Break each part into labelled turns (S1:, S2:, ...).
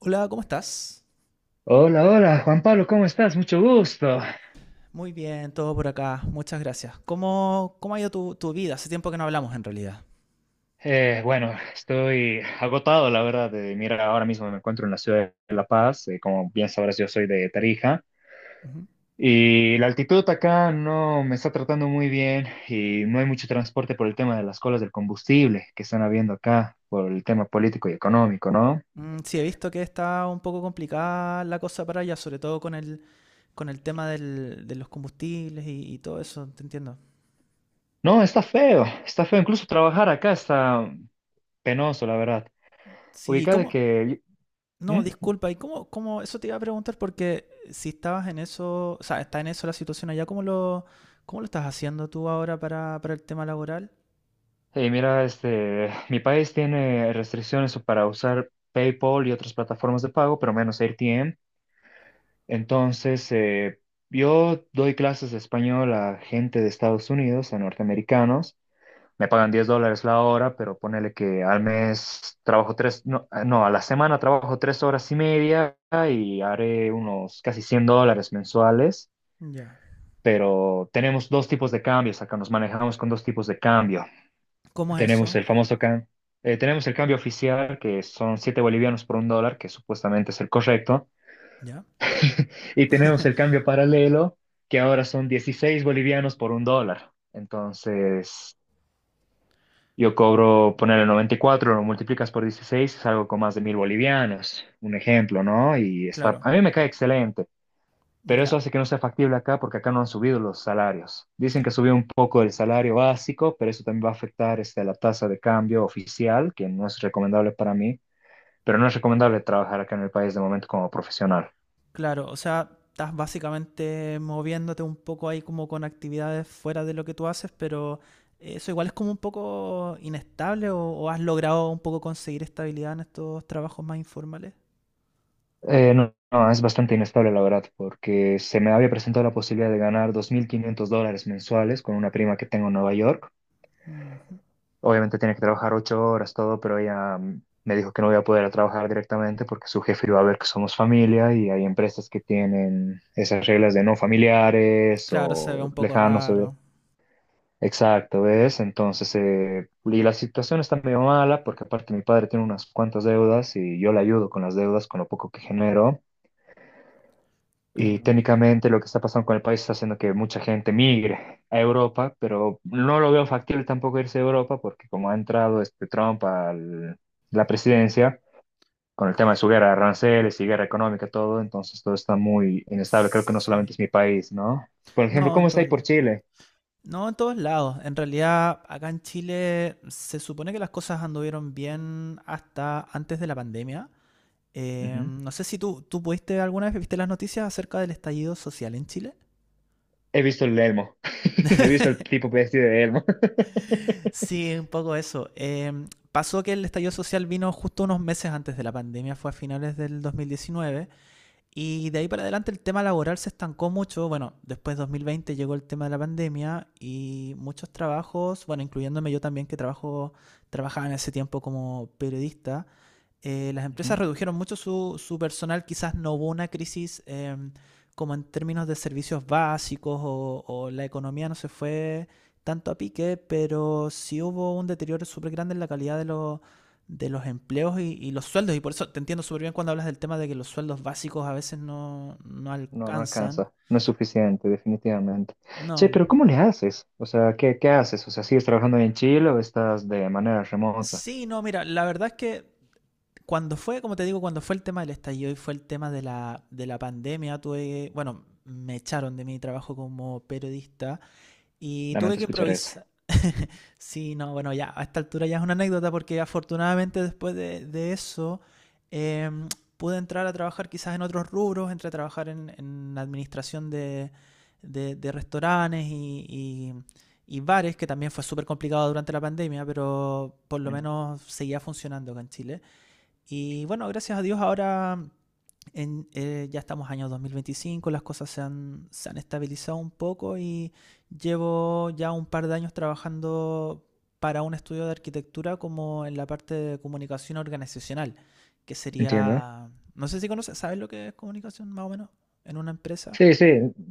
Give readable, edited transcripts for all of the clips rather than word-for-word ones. S1: Hola, ¿cómo estás?
S2: Hola, hola, Juan Pablo, ¿cómo estás? Mucho gusto.
S1: Muy bien, todo por acá. Muchas gracias. ¿Cómo ha ido tu vida? Hace tiempo que no hablamos en realidad.
S2: Bueno, estoy agotado, la verdad. Mira, ahora mismo me encuentro en la ciudad de La Paz. Como bien sabrás, yo soy de Tarija.
S1: Ujú.
S2: Y la altitud acá no me está tratando muy bien y no hay mucho transporte por el tema de las colas del combustible que están habiendo acá, por el tema político y económico, ¿no?
S1: Sí, he visto que está un poco complicada la cosa para allá, sobre todo con el tema de los combustibles y todo eso, te entiendo.
S2: No, está feo, está feo. Incluso trabajar acá está penoso, la verdad.
S1: Sí, ¿y
S2: ¿Ubicado Ubicada
S1: cómo?
S2: que...
S1: No,
S2: ¿Mm?
S1: disculpa, ¿y cómo, cómo? Eso te iba a preguntar porque si estabas en eso, o sea, está en eso la situación allá, ¿cómo lo estás haciendo tú ahora para el tema laboral?
S2: Y mira, este, mi país tiene restricciones para usar PayPal y otras plataformas de pago, pero menos AirTM. Entonces, yo doy clases de español a gente de Estados Unidos, a norteamericanos. Me pagan $10 la hora, pero ponele que al mes trabajo tres, no, no, a la semana trabajo 3 horas y media y haré unos casi $100 mensuales.
S1: Ya.
S2: Pero tenemos dos tipos de cambios, acá nos manejamos con dos tipos de cambio.
S1: ¿Cómo es
S2: Tenemos
S1: eso?
S2: el famoso can- tenemos el cambio oficial, que son 7 bolivianos por un dólar, que supuestamente es el correcto.
S1: Ya.
S2: Y tenemos el cambio paralelo, que ahora son 16 bolivianos por un dólar. Entonces, yo cobro, ponerle 94 lo multiplicas por 16 es algo con más de 1.000 bolivianos, un ejemplo, ¿no? Y está,
S1: Claro.
S2: a mí me cae excelente. Pero
S1: Ya.
S2: eso hace que no sea factible acá porque acá no han subido los salarios. Dicen que subió un poco el salario básico, pero eso también va a afectar este, la tasa de cambio oficial, que no es recomendable para mí, pero no es recomendable trabajar acá en el país de momento como profesional.
S1: Claro, o sea, estás básicamente moviéndote un poco ahí como con actividades fuera de lo que tú haces, pero eso igual es como un poco inestable o has logrado un poco conseguir estabilidad en estos trabajos más informales.
S2: No, no, es bastante inestable la verdad, porque se me había presentado la posibilidad de ganar 2.500 dólares mensuales con una prima que tengo en Nueva York.
S1: Ujú.
S2: Obviamente tenía que trabajar 8 horas, todo, pero ella me dijo que no voy a poder trabajar directamente porque su jefe iba a ver que somos familia y hay empresas que tienen esas reglas de no familiares
S1: Claro, se ve
S2: o
S1: un poco
S2: lejanos o de...
S1: raro,
S2: Exacto, ¿ves? Entonces, y la situación está medio mala porque aparte mi padre tiene unas cuantas deudas y yo le ayudo con las deudas, con lo poco que genero. Y
S1: claro.
S2: técnicamente lo que está pasando con el país está haciendo que mucha gente migre a Europa, pero no lo veo factible tampoco irse a Europa porque como ha entrado este Trump a la presidencia, con el tema de su guerra de aranceles y guerra económica, todo, entonces todo está muy inestable. Creo que no
S1: Sí.
S2: solamente es mi país, ¿no? Por ejemplo,
S1: No,
S2: ¿cómo
S1: en
S2: está
S1: todos
S2: ahí por
S1: lados.
S2: Chile?
S1: No, en todos lados. En realidad, acá en Chile se supone que las cosas anduvieron bien hasta antes de la pandemia.
S2: Ujú.
S1: No sé si tú pudiste alguna vez, viste las noticias acerca del estallido social en Chile.
S2: He visto el Elmo. He visto el tipo vestido de Elmo.
S1: Sí, un poco eso. Pasó que el estallido social vino justo unos meses antes de la pandemia, fue a finales del 2019. Y de ahí para adelante el tema laboral se estancó mucho. Bueno, después de 2020 llegó el tema de la pandemia y muchos trabajos, bueno, incluyéndome yo también trabajaba en ese tiempo como periodista, las empresas
S2: Ujú.
S1: redujeron mucho personal. Quizás no hubo una crisis como en términos de servicios básicos o la economía no se fue tanto a pique, pero sí hubo un deterioro súper grande en la calidad de los empleos y los sueldos. Y por eso te entiendo súper bien cuando hablas del tema de que los sueldos básicos a veces no
S2: No, no
S1: alcanzan.
S2: alcanza, no es suficiente, definitivamente. Che,
S1: No.
S2: pero ¿cómo le haces? O sea, ¿qué haces? O sea, ¿sigues trabajando en Chile o estás de manera remota?
S1: Sí, no, mira, la verdad es que cuando fue, como te digo, cuando fue el tema del estallido y fue el tema de de la pandemia, tuve, bueno, me echaron de mi trabajo como periodista. Y tuve
S2: Lamento
S1: que
S2: escuchar eso.
S1: improvisar. Sí, no, bueno, ya a esta altura ya es una anécdota porque afortunadamente después de eso em, pude entrar a trabajar quizás en otros rubros, entré a trabajar en administración de restaurantes y bares, que también fue súper complicado durante la pandemia, pero por lo
S2: Eh,
S1: menos seguía funcionando acá en Chile. Y bueno, gracias a Dios ahora ya estamos año 2025, las cosas se han estabilizado un poco y llevo ya un par de años trabajando para un estudio de arquitectura como en la parte de comunicación organizacional, que
S2: Entiendo.
S1: sería, no sé si conoces, ¿sabes lo que es comunicación más o menos en una empresa?
S2: Sí, sí,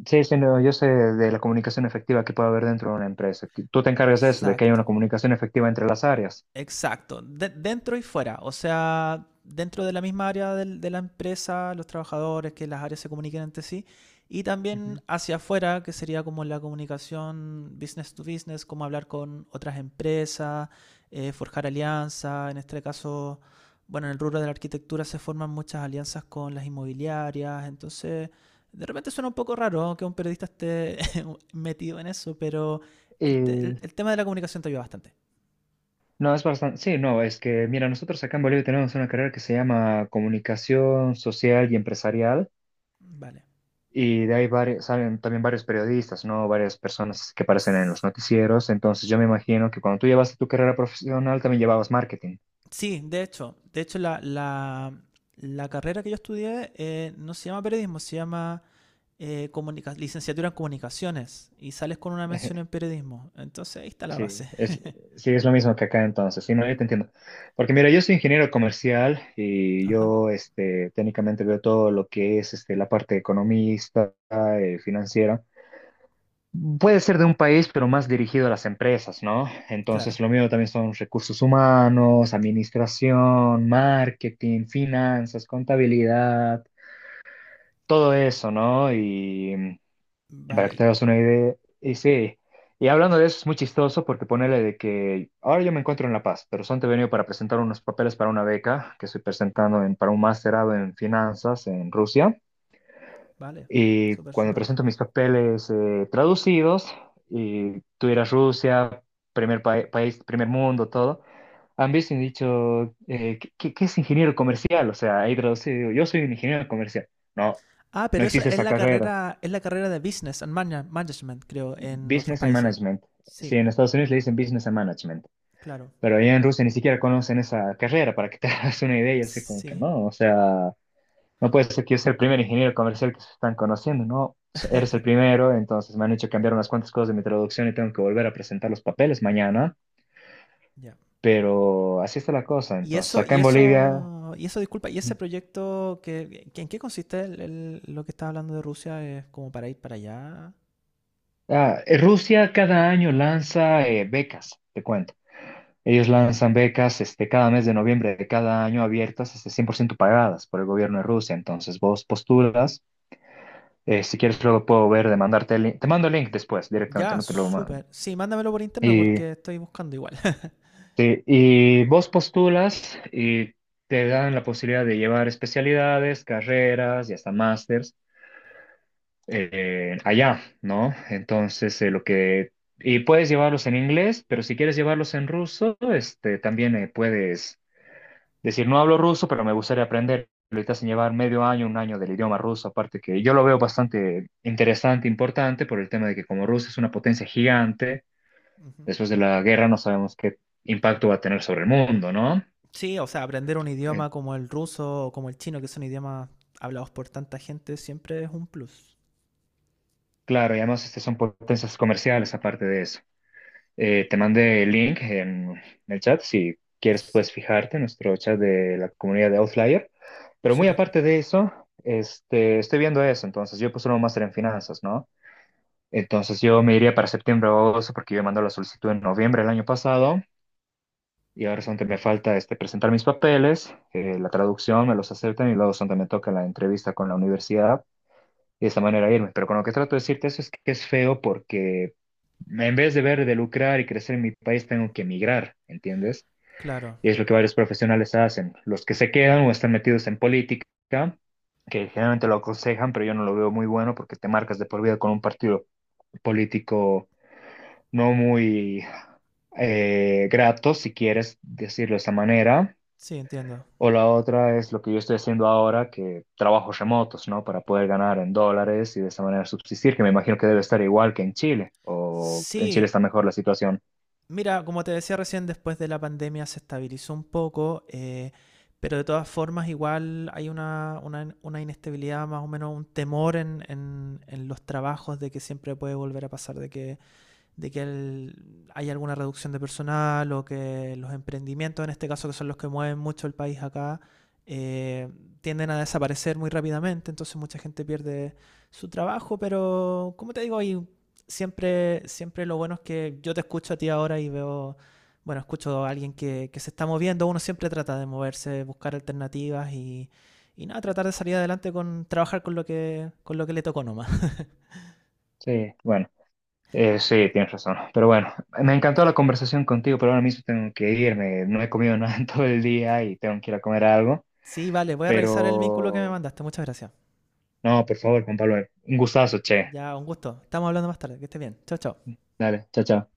S2: sí, sí, no, yo sé de la comunicación efectiva que puede haber dentro de una empresa. Que tú te encargas de eso, de que haya una
S1: Exacto.
S2: comunicación efectiva entre las áreas.
S1: Exacto, dentro y fuera, o sea, dentro de la misma área de la empresa, los trabajadores, que las áreas se comuniquen entre sí, y también
S2: Ujú.
S1: hacia afuera, que sería como la comunicación business to business, como hablar con otras empresas, forjar alianzas, en este caso, bueno, en el rubro de la arquitectura se forman muchas alianzas con las inmobiliarias, entonces, de repente suena un poco raro que un periodista esté metido en eso, pero
S2: Y
S1: el tema de la comunicación te ayuda bastante.
S2: no, es bastante, sí, no, es que, mira, nosotros acá en Bolivia tenemos una carrera que se llama Comunicación Social y Empresarial.
S1: Vale.
S2: Y de ahí salen también varios periodistas, ¿no? Varias personas que aparecen en los noticieros. Entonces yo me imagino que cuando tú llevaste tu carrera profesional también llevabas marketing.
S1: Sí, de hecho la carrera que yo estudié no se llama periodismo, se llama licenciatura en comunicaciones y sales con una mención en periodismo. Entonces ahí está la
S2: Sí,
S1: base.
S2: es, sí, es lo mismo que acá entonces. Sí, no, yo te entiendo. Porque mira, yo soy ingeniero comercial y
S1: Ajá,
S2: yo este, técnicamente veo todo lo que es este, la parte economista, financiera. Puede ser de un país, pero más dirigido a las empresas, ¿no?
S1: claro.
S2: Entonces, lo mío también son recursos humanos, administración, marketing, finanzas, contabilidad, todo eso, ¿no? Y para
S1: Vale,
S2: que te
S1: y-
S2: hagas una idea, y sí, y hablando de eso es muy chistoso porque ponele de que ahora yo me encuentro en La Paz, pero son te he venido para presentar unos papeles para una beca que estoy presentando para un masterado en finanzas en Rusia.
S1: vale.
S2: Y
S1: Súper,
S2: cuando
S1: súper.
S2: presento mis papeles traducidos, y tú ir Rusia, primer país, primer mundo, todo, han visto y han dicho, qué es ingeniero comercial? O sea, ahí traducido, yo soy un ingeniero comercial. No,
S1: Ah,
S2: no
S1: pero eso
S2: existe esa carrera.
S1: es la carrera de Management, creo, en otros
S2: Business and
S1: países.
S2: Management.
S1: Sí,
S2: Sí, en Estados Unidos le dicen Business and Management,
S1: claro.
S2: pero allá en Rusia ni siquiera conocen esa carrera, para que te hagas una idea, yo sé como que
S1: Sí.
S2: no, o sea. No puede ser que yo sea el primer ingeniero comercial que se están conociendo, ¿no? Eres el primero, entonces me han hecho cambiar unas cuantas cosas de mi traducción y tengo que volver a presentar los papeles mañana,
S1: Ya.
S2: pero así está la cosa. Entonces, acá en Bolivia,
S1: Y eso, disculpa, y ese proyecto, ¿en qué consiste lo que estás hablando de Rusia? ¿Es como para ir para allá?
S2: Rusia cada año lanza becas, te cuento. Ellos lanzan becas este, cada mes de noviembre de cada año abiertas, este, 100% pagadas por el gobierno de Rusia. Entonces, vos postulas, si quieres luego puedo ver, de mandarte el link, te mando el link después directamente,
S1: Ya,
S2: no te lo mando.
S1: súper. Sí, mándamelo por interno
S2: Y
S1: porque estoy buscando igual.
S2: sí, y vos postulas y te dan la posibilidad de llevar especialidades, carreras y hasta másters allá, ¿no? Entonces, lo que... Y puedes llevarlos en inglés, pero si quieres llevarlos en ruso, este, también puedes decir, no hablo ruso, pero me gustaría aprender. Ahorita sin llevar medio año, un año del idioma ruso, aparte que yo lo veo bastante interesante, importante, por el tema de que como Rusia es una potencia gigante,
S1: Ujú.
S2: después de la guerra no sabemos qué impacto va a tener sobre el mundo, ¿no?
S1: Sí, o sea, aprender un idioma como el ruso o como el chino, que son idiomas hablados por tanta gente, siempre es un plus.
S2: Claro, y además este son potencias comerciales aparte de eso. Te mandé el link en el chat. Si quieres
S1: Sí,
S2: puedes fijarte en nuestro chat de la comunidad de Outlier. Pero muy
S1: súper.
S2: aparte de eso, este, estoy viendo eso. Entonces, yo puse un máster en finanzas, ¿no? Entonces, yo me iría para septiembre o agosto porque yo mandé la solicitud en noviembre del año pasado y ahora
S1: Mm,
S2: solamente me falta este, presentar mis papeles, la traducción, me los aceptan y luego solamente me toca la entrevista con la universidad y de esta manera irme. Pero con lo que trato de decirte eso es que es feo porque en vez de ver de lucrar y crecer en mi país, tengo que emigrar, ¿entiendes?
S1: Claro,
S2: Y es lo que varios profesionales hacen. Los que se quedan o están metidos en política, que generalmente lo aconsejan, pero yo no lo veo muy bueno porque te marcas de por vida con un partido político no muy grato, si quieres decirlo de esa manera.
S1: sí, entiendo.
S2: O la otra es lo que yo estoy haciendo ahora, que trabajos remotos, ¿no? Para poder ganar en dólares y de esa manera subsistir, que me imagino que debe estar igual que en Chile, o en Chile
S1: Sí,
S2: está mejor la situación.
S1: mira, como te decía recién, después de la pandemia se estabilizó un poco, pero de todas formas igual hay una inestabilidad, más o menos un temor en los trabajos de que siempre puede volver a pasar de que hay alguna reducción de personal o que los emprendimientos, en este caso que son los que mueven mucho el país acá, eh, tienden a desaparecer muy rápidamente, entonces mucha gente pierde su trabajo, pero como te digo, y siempre lo bueno es que yo te escucho a ti ahora y veo, bueno, escucho a alguien que se está moviendo, uno siempre trata de moverse, buscar alternativas y nada, tratar de salir adelante con trabajar con lo que le tocó nomás.
S2: Sí, bueno, sí, tienes razón. Pero bueno, me encantó la conversación contigo, pero ahora mismo tengo que irme. No he comido nada en todo el día y tengo que ir a comer algo.
S1: Sí, vale, voy a revisar el vínculo que me
S2: Pero,
S1: mandaste, muchas gracias.
S2: no, por favor, Juan Pablo, un gustazo, che.
S1: Ya, un gusto. Estamos hablando más tarde. Que estés bien. Chao, chao.
S2: Dale, chao, chao.